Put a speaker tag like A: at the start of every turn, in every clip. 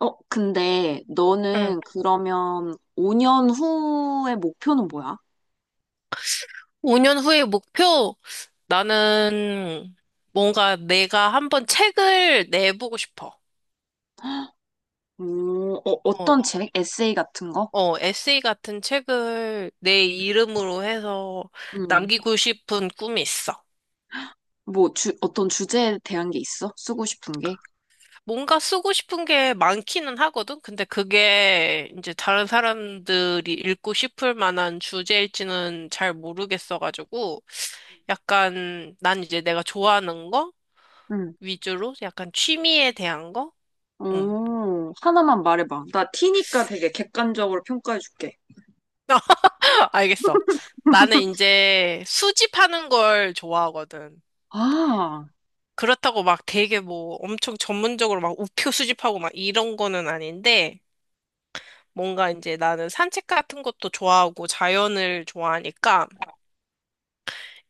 A: 근데
B: 응.
A: 너는 그러면 5년 후의 목표는 뭐야?
B: 5년 후의 목표? 나는 뭔가 내가 한번 책을 내보고 싶어.
A: 오,
B: 어,
A: 어떤 책? 에세이 같은 거?
B: 에세이 같은 책을 내 이름으로 해서
A: 음.
B: 남기고 싶은 꿈이 있어.
A: 뭐, 어떤 주제에 대한 게 있어? 쓰고 싶은 게?
B: 뭔가 쓰고 싶은 게 많기는 하거든? 근데 그게 이제 다른 사람들이 읽고 싶을 만한 주제일지는 잘 모르겠어가지고, 약간 난 이제 내가 좋아하는 거
A: 음.
B: 위주로 약간 취미에 대한 거? 응.
A: 오, 하나만 말해봐. 나 티니까 되게 객관적으로 평가해줄게.
B: 알겠어. 나는 이제 수집하는 걸 좋아하거든.
A: 아,
B: 그렇다고 막 되게 뭐 엄청 전문적으로 막 우표 수집하고 막 이런 거는 아닌데, 뭔가 이제 나는 산책 같은 것도 좋아하고 자연을 좋아하니까,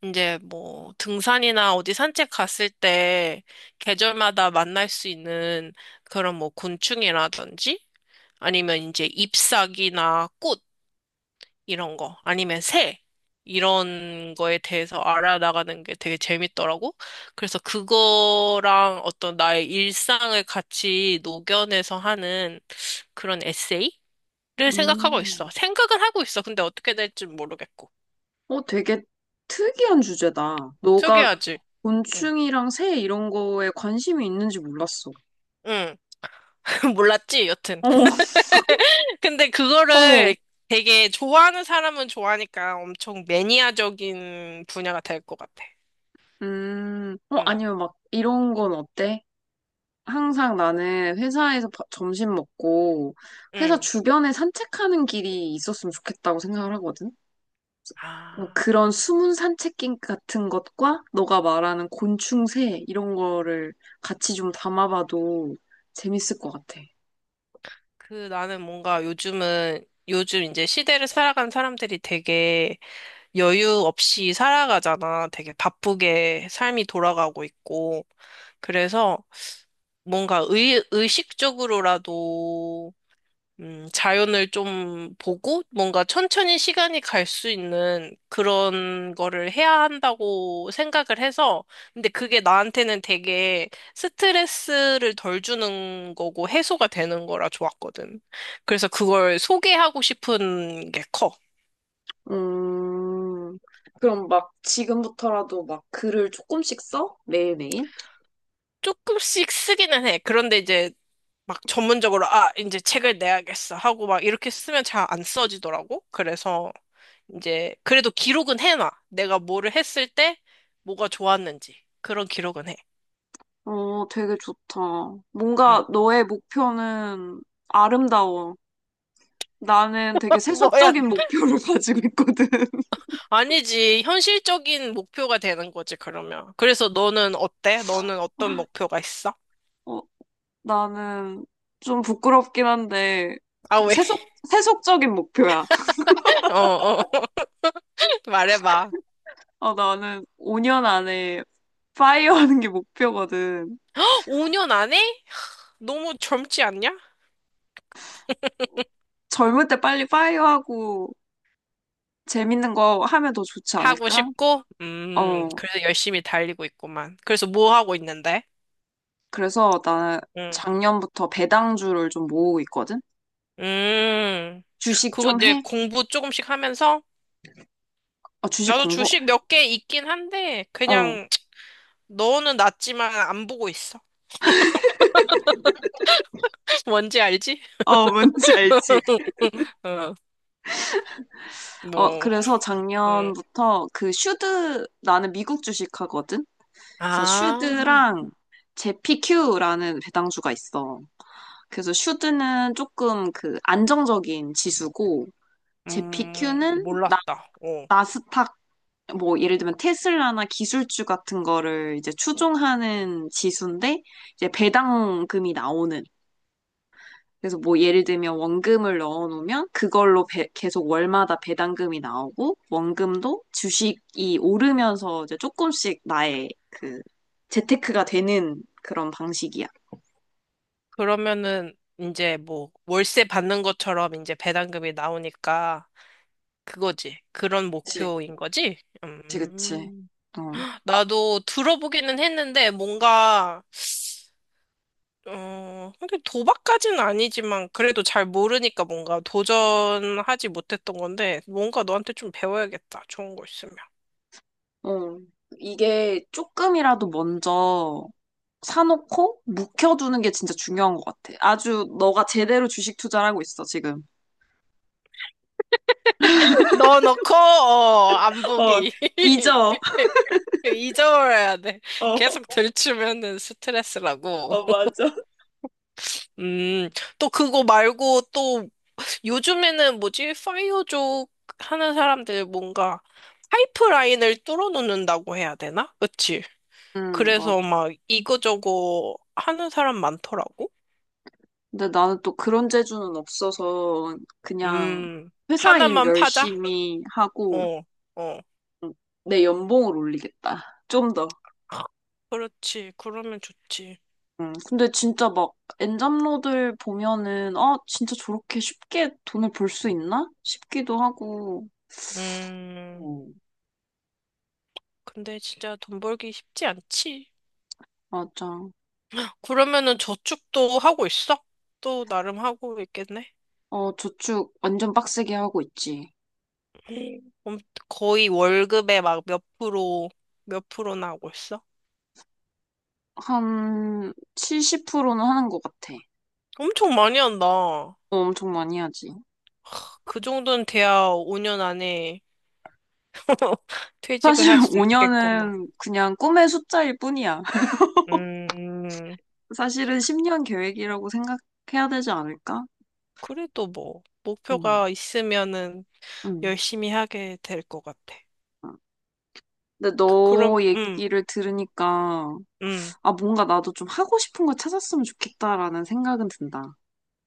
B: 이제 뭐 등산이나 어디 산책 갔을 때 계절마다 만날 수 있는 그런 뭐 곤충이라든지, 아니면 이제 잎사귀나 꽃, 이런 거 아니면 새 이런 거에 대해서 알아나가는 게 되게 재밌더라고. 그래서 그거랑 어떤 나의 일상을 같이 녹여내서 하는 그런 에세이를 생각하고 있어.
A: 음.
B: 생각은 하고 있어. 근데 어떻게 될지 모르겠고.
A: 되게 특이한 주제다. 너가
B: 특이하지. 응.
A: 곤충이랑 새 이런 거에 관심이 있는지 몰랐어.
B: 응. 몰랐지, 여튼.
A: 어,
B: 근데
A: 어.
B: 그거를 되게 좋아하는 사람은 좋아하니까 엄청 매니아적인 분야가 될 것 같아. 응.
A: 아니면 막 이런 건 어때? 항상 나는 회사에서 점심 먹고 회사
B: 응.
A: 주변에 산책하는 길이 있었으면 좋겠다고 생각을 하거든.
B: 아.
A: 그런 숨은 산책길 같은 것과 너가 말하는 곤충새 이런 거를 같이 좀 담아봐도 재밌을 것 같아.
B: 그 나는 뭔가 요즘 이제 시대를 살아가는 사람들이 되게 여유 없이 살아가잖아. 되게 바쁘게 삶이 돌아가고 있고. 그래서 뭔가 의식적으로라도 자연을 좀 보고 뭔가 천천히 시간이 갈 수 있는 그런 거를 해야 한다고 생각을 해서. 근데 그게 나한테는 되게 스트레스를 덜 주는 거고 해소가 되는 거라 좋았거든. 그래서 그걸 소개하고 싶은 게 커.
A: 음, 그럼 막 지금부터라도 막 글을 조금씩 써? 매일매일?
B: 조금씩 쓰기는 해. 그런데 이제 막 전문적으로 아 이제 책을 내야겠어 하고 막 이렇게 쓰면 잘 안 써지더라고. 그래서 이제 그래도 기록은 해놔. 내가 뭐를 했을 때 뭐가 좋았는지 그런 기록은 해.
A: 되게 좋다.
B: 응.
A: 뭔가 너의 목표는 아름다워. 나는 되게
B: 뭐야?
A: 세속적인 목표를 가지고 있거든.
B: 아니지 현실적인 목표가 되는 거지 그러면. 그래서 너는 어때? 너는 어떤 목표가 있어?
A: 어, 나는 좀 부끄럽긴 한데,
B: 아
A: 좀
B: 왜?
A: 세속적인 목표야.
B: 어. 말해봐.
A: 나는 5년 안에 파이어 하는 게 목표거든.
B: 5년 안에? 너무 젊지 않냐?
A: 젊을 때 빨리 파이어 하고 재밌는 거 하면 더 좋지
B: 하고
A: 않을까?
B: 싶고,
A: 어,
B: 그래서 열심히 달리고 있구만. 그래서 뭐 하고 있는데?
A: 그래서 나는
B: 응.
A: 작년부터 배당주를 좀 모으고 있거든?
B: 음,
A: 주식
B: 그거
A: 좀
B: 이제
A: 해?
B: 공부 조금씩 하면서,
A: 어, 주식
B: 나도
A: 공부?
B: 주식 몇 개 있긴 한데,
A: 어.
B: 그냥, 너는 낮지만 안 보고 있어. 뭔지 알지?
A: 어, 뭔지 알지?
B: 어, 뭐,
A: 그래서
B: 음.
A: 작년부터 그 슈드, 나는 미국 주식 하거든? 그래서
B: 아,
A: 슈드랑 제피큐라는 배당주가 있어. 그래서 슈드는 조금 그 안정적인 지수고, 제피큐는
B: 몰랐다. 어.
A: 나스닥, 뭐 예를 들면 테슬라나 기술주 같은 거를 이제 추종하는 지수인데, 이제 배당금이 나오는 그래서 뭐 예를 들면 원금을 넣어놓으면 그걸로 계속 월마다 배당금이 나오고 원금도 주식이 오르면서 이제 조금씩 나의 그 재테크가 되는 그런 방식이야.
B: 그러면은, 이제 뭐, 월세 받는 것처럼 이제 배당금이 나오니까, 그거지. 그런
A: 그치,
B: 목표인 거지?
A: 그치, 그치.
B: 음.
A: 어,
B: 나도 들어보기는 했는데, 뭔가, 어, 하긴 도박까지는 아니지만 그래도 잘 모르니까 뭔가 도전하지 못했던 건데 뭔가 너한테 좀 배워야겠다. 좋은 거 있으면.
A: 어. 이게 조금이라도 먼저 사놓고 묵혀두는 게 진짜 중요한 것 같아. 아주 너가 제대로 주식 투자를 하고 있어, 지금.
B: 넣어놓고 어, 안
A: 어,
B: 보기.
A: 잊어.
B: 잊어버려야 돼.
A: 어,
B: 계속 들추면은 스트레스라고.
A: 어, 맞아.
B: 음, 또 그거 말고 또 요즘에는 뭐지? 파이어족 하는 사람들 뭔가 파이프라인을 뚫어놓는다고 해야 되나? 그치?
A: 맞아.
B: 그래서 막 이거저거 하는 사람 많더라고.
A: 근데 나는 또 그런 재주는 없어서 그냥
B: 음,
A: 회사 일
B: 하나만 파자?
A: 열심히 하고
B: 어, 어.
A: 음, 내 연봉을 올리겠다. 좀 더.
B: 그렇지. 그러면 좋지.
A: 근데 진짜 막 엔잡러들 보면은 아 진짜 저렇게 쉽게 돈을 벌 수 있나? 싶기도 하고.
B: 음,
A: 어,
B: 근데 진짜 돈 벌기 쉽지 않지.
A: 맞아.
B: 그러면은 저축도 하고 있어? 또 나름 하고 있겠네.
A: 저축 완전 빡세게 하고 있지.
B: 음, 엄- 거의 월급의 막 몇 프로, 몇 프로나 하고 있어?
A: 한 70%는 하는 것 같아.
B: 엄청 많이 한다.
A: 엄청 많이 하지.
B: 그 정도는 돼야 5년 안에 퇴직을
A: 사실
B: 할 수 있겠구만.
A: 5년은 그냥 꿈의 숫자일 뿐이야.
B: 음,
A: 사실은 10년 계획이라고 생각해야 되지 않을까?
B: 그래도 뭐,
A: 응,
B: 목표가 있으면은
A: 응.
B: 열심히 하게 될 것 같아.
A: 응. 근데
B: 그럼,
A: 너 얘기를 들으니까,
B: 음,
A: 아, 뭔가 나도 좀 하고 싶은 거 찾았으면 좋겠다라는 생각은 든다.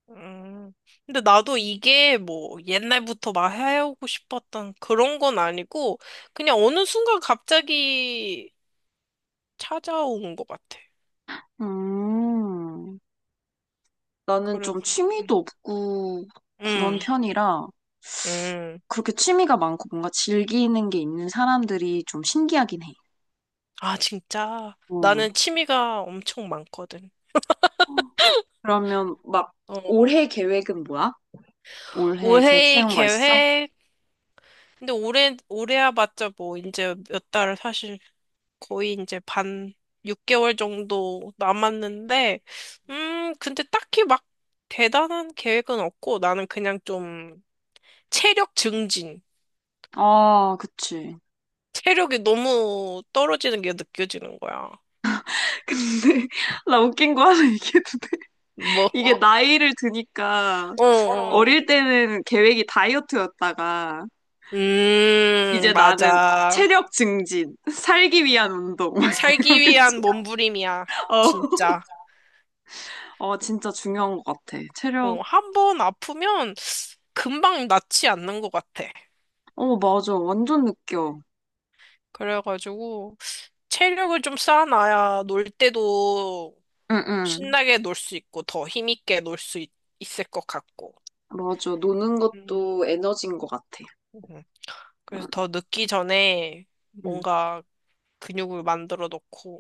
B: 음. 근데 나도 이게 뭐, 옛날부터 막 해오고 싶었던 그런 건 아니고, 그냥 어느 순간 갑자기 찾아온 것 같아.
A: 음, 나는 좀
B: 그래서,
A: 취미도 없고 그런
B: 음,
A: 편이라,
B: 음.
A: 그렇게 취미가 많고 뭔가 즐기는 게 있는 사람들이 좀 신기하긴 해.
B: 아, 진짜.
A: 응.
B: 나는 취미가 엄청 많거든.
A: 그러면 막
B: 어,
A: 올해 계획은 뭐야? 올해 계획
B: 올해
A: 세운 거 있어?
B: 계획, 근데 올해야 봤자 뭐, 이제 몇 달을 사실 거의 이제 반, 6개월 정도 남았는데, 근데 딱히 막 대단한 계획은 없고, 나는 그냥 좀 체력 증진.
A: 아, 그치.
B: 체력이 너무 떨어지는 게 느껴지는 거야.
A: 근데 나 웃긴 거 하나 얘기해도 돼?
B: 뭐,
A: 이게 나이를 드니까
B: 어, 어.
A: 어릴 때는 계획이 다이어트였다가 이제 나는
B: 맞아.
A: 체력 증진, 살기 위한 운동 막
B: 살기
A: 이렇게
B: 위한 몸부림이야.
A: 어,
B: 진짜.
A: 어 진짜 중요한 것 같아.
B: 어,
A: 체력.
B: 한 번 아프면 금방 낫지 않는 것 같아.
A: 어 맞아, 완전 느껴.
B: 그래가지고, 체력을 좀 쌓아놔야 놀 때도
A: 응응
B: 신나게 놀 수 있고 더 힘있게 놀 수 있을 것 같고.
A: 맞아. 노는
B: 음.
A: 것도 에너지인 것 같아.
B: 음. 그래서
A: 응.
B: 더 늦기 전에
A: 응.
B: 뭔가 근육을 만들어 놓고.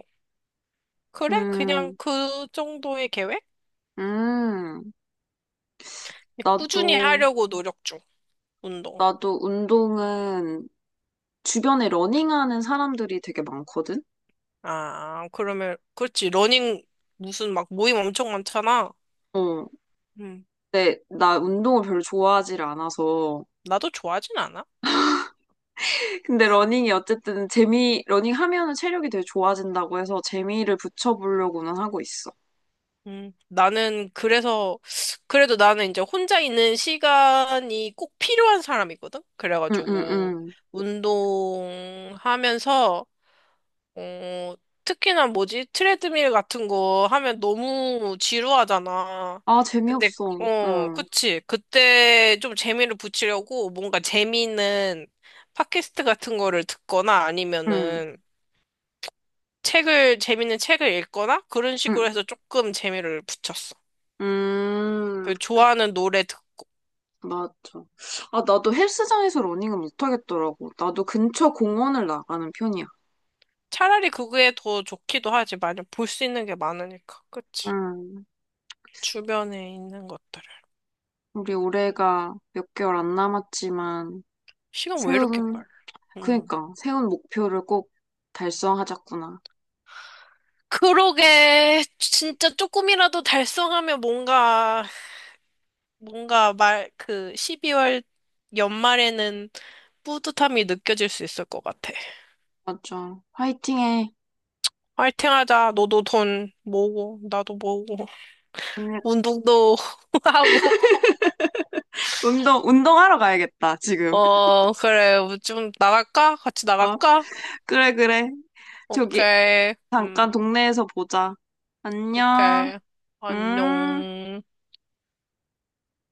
B: 그래? 그냥
A: 음,
B: 그 정도의 계획?
A: 음, 나도,
B: 꾸준히 하려고 노력 중, 운동.
A: 나도 운동은 주변에 러닝하는 사람들이 되게 많거든?
B: 아, 그러면, 그렇지. 러닝 무슨 막 모임 엄청 많잖아.
A: 어,
B: 음,
A: 근데 나 운동을 별로 좋아하지를 않아서.
B: 나도 좋아하진 않아.
A: 근데 러닝이 어쨌든 러닝 하면은 체력이 되게 좋아진다고 해서 재미를 붙여보려고는 하고 있어.
B: 나는 그래서 그래도 나는 이제 혼자 있는 시간이 꼭 필요한 사람이거든.
A: 응, 응,
B: 그래가지고
A: 응.
B: 운동하면서 어, 특히나 뭐지? 트레드밀 같은 거 하면 너무 지루하잖아.
A: 아,
B: 근데
A: 재미없어.
B: 어,
A: 응,
B: 그치. 그때 좀 재미를 붙이려고 뭔가 재미있는 팟캐스트 같은 거를 듣거나
A: 응,
B: 아니면은 책을 재밌는 책을 읽거나 그런 식으로
A: 응.
B: 해서 조금 재미를 붙였어.
A: 음,
B: 그 좋아하는 노래 듣
A: 맞아. 아, 나도 헬스장에서 러닝은 못하겠더라고. 나도 근처 공원을 나가는 편이야.
B: 차라리 그게 더 좋기도 하지. 만약 볼 수 있는 게 많으니까. 그치?
A: 응.
B: 주변에 있는 것들을.
A: 우리 올해가 몇 개월 안 남았지만,
B: 시간 왜 이렇게
A: 세운,
B: 빨라? 음.
A: 그니까, 세운 목표를 꼭 달성하자꾸나.
B: 그러게. 진짜 조금이라도 달성하면 뭔가, 뭔가 말, 그 12월 연말에는 뿌듯함이 느껴질 수 있을 것 같아.
A: 맞죠. 화이팅해.
B: 화이팅 하자. 너도 돈 모으고, 나도 모으고,
A: 오늘
B: 운동도 하고.
A: 운동하러 가야겠다, 지금.
B: 어, 그래. 좀 나갈까? 같이
A: 어?
B: 나갈까?
A: 그래, 그래. 저기,
B: 오케이.
A: 잠깐
B: 음,
A: 동네에서 보자. 안녕.
B: 오케이.
A: 음.
B: 안녕.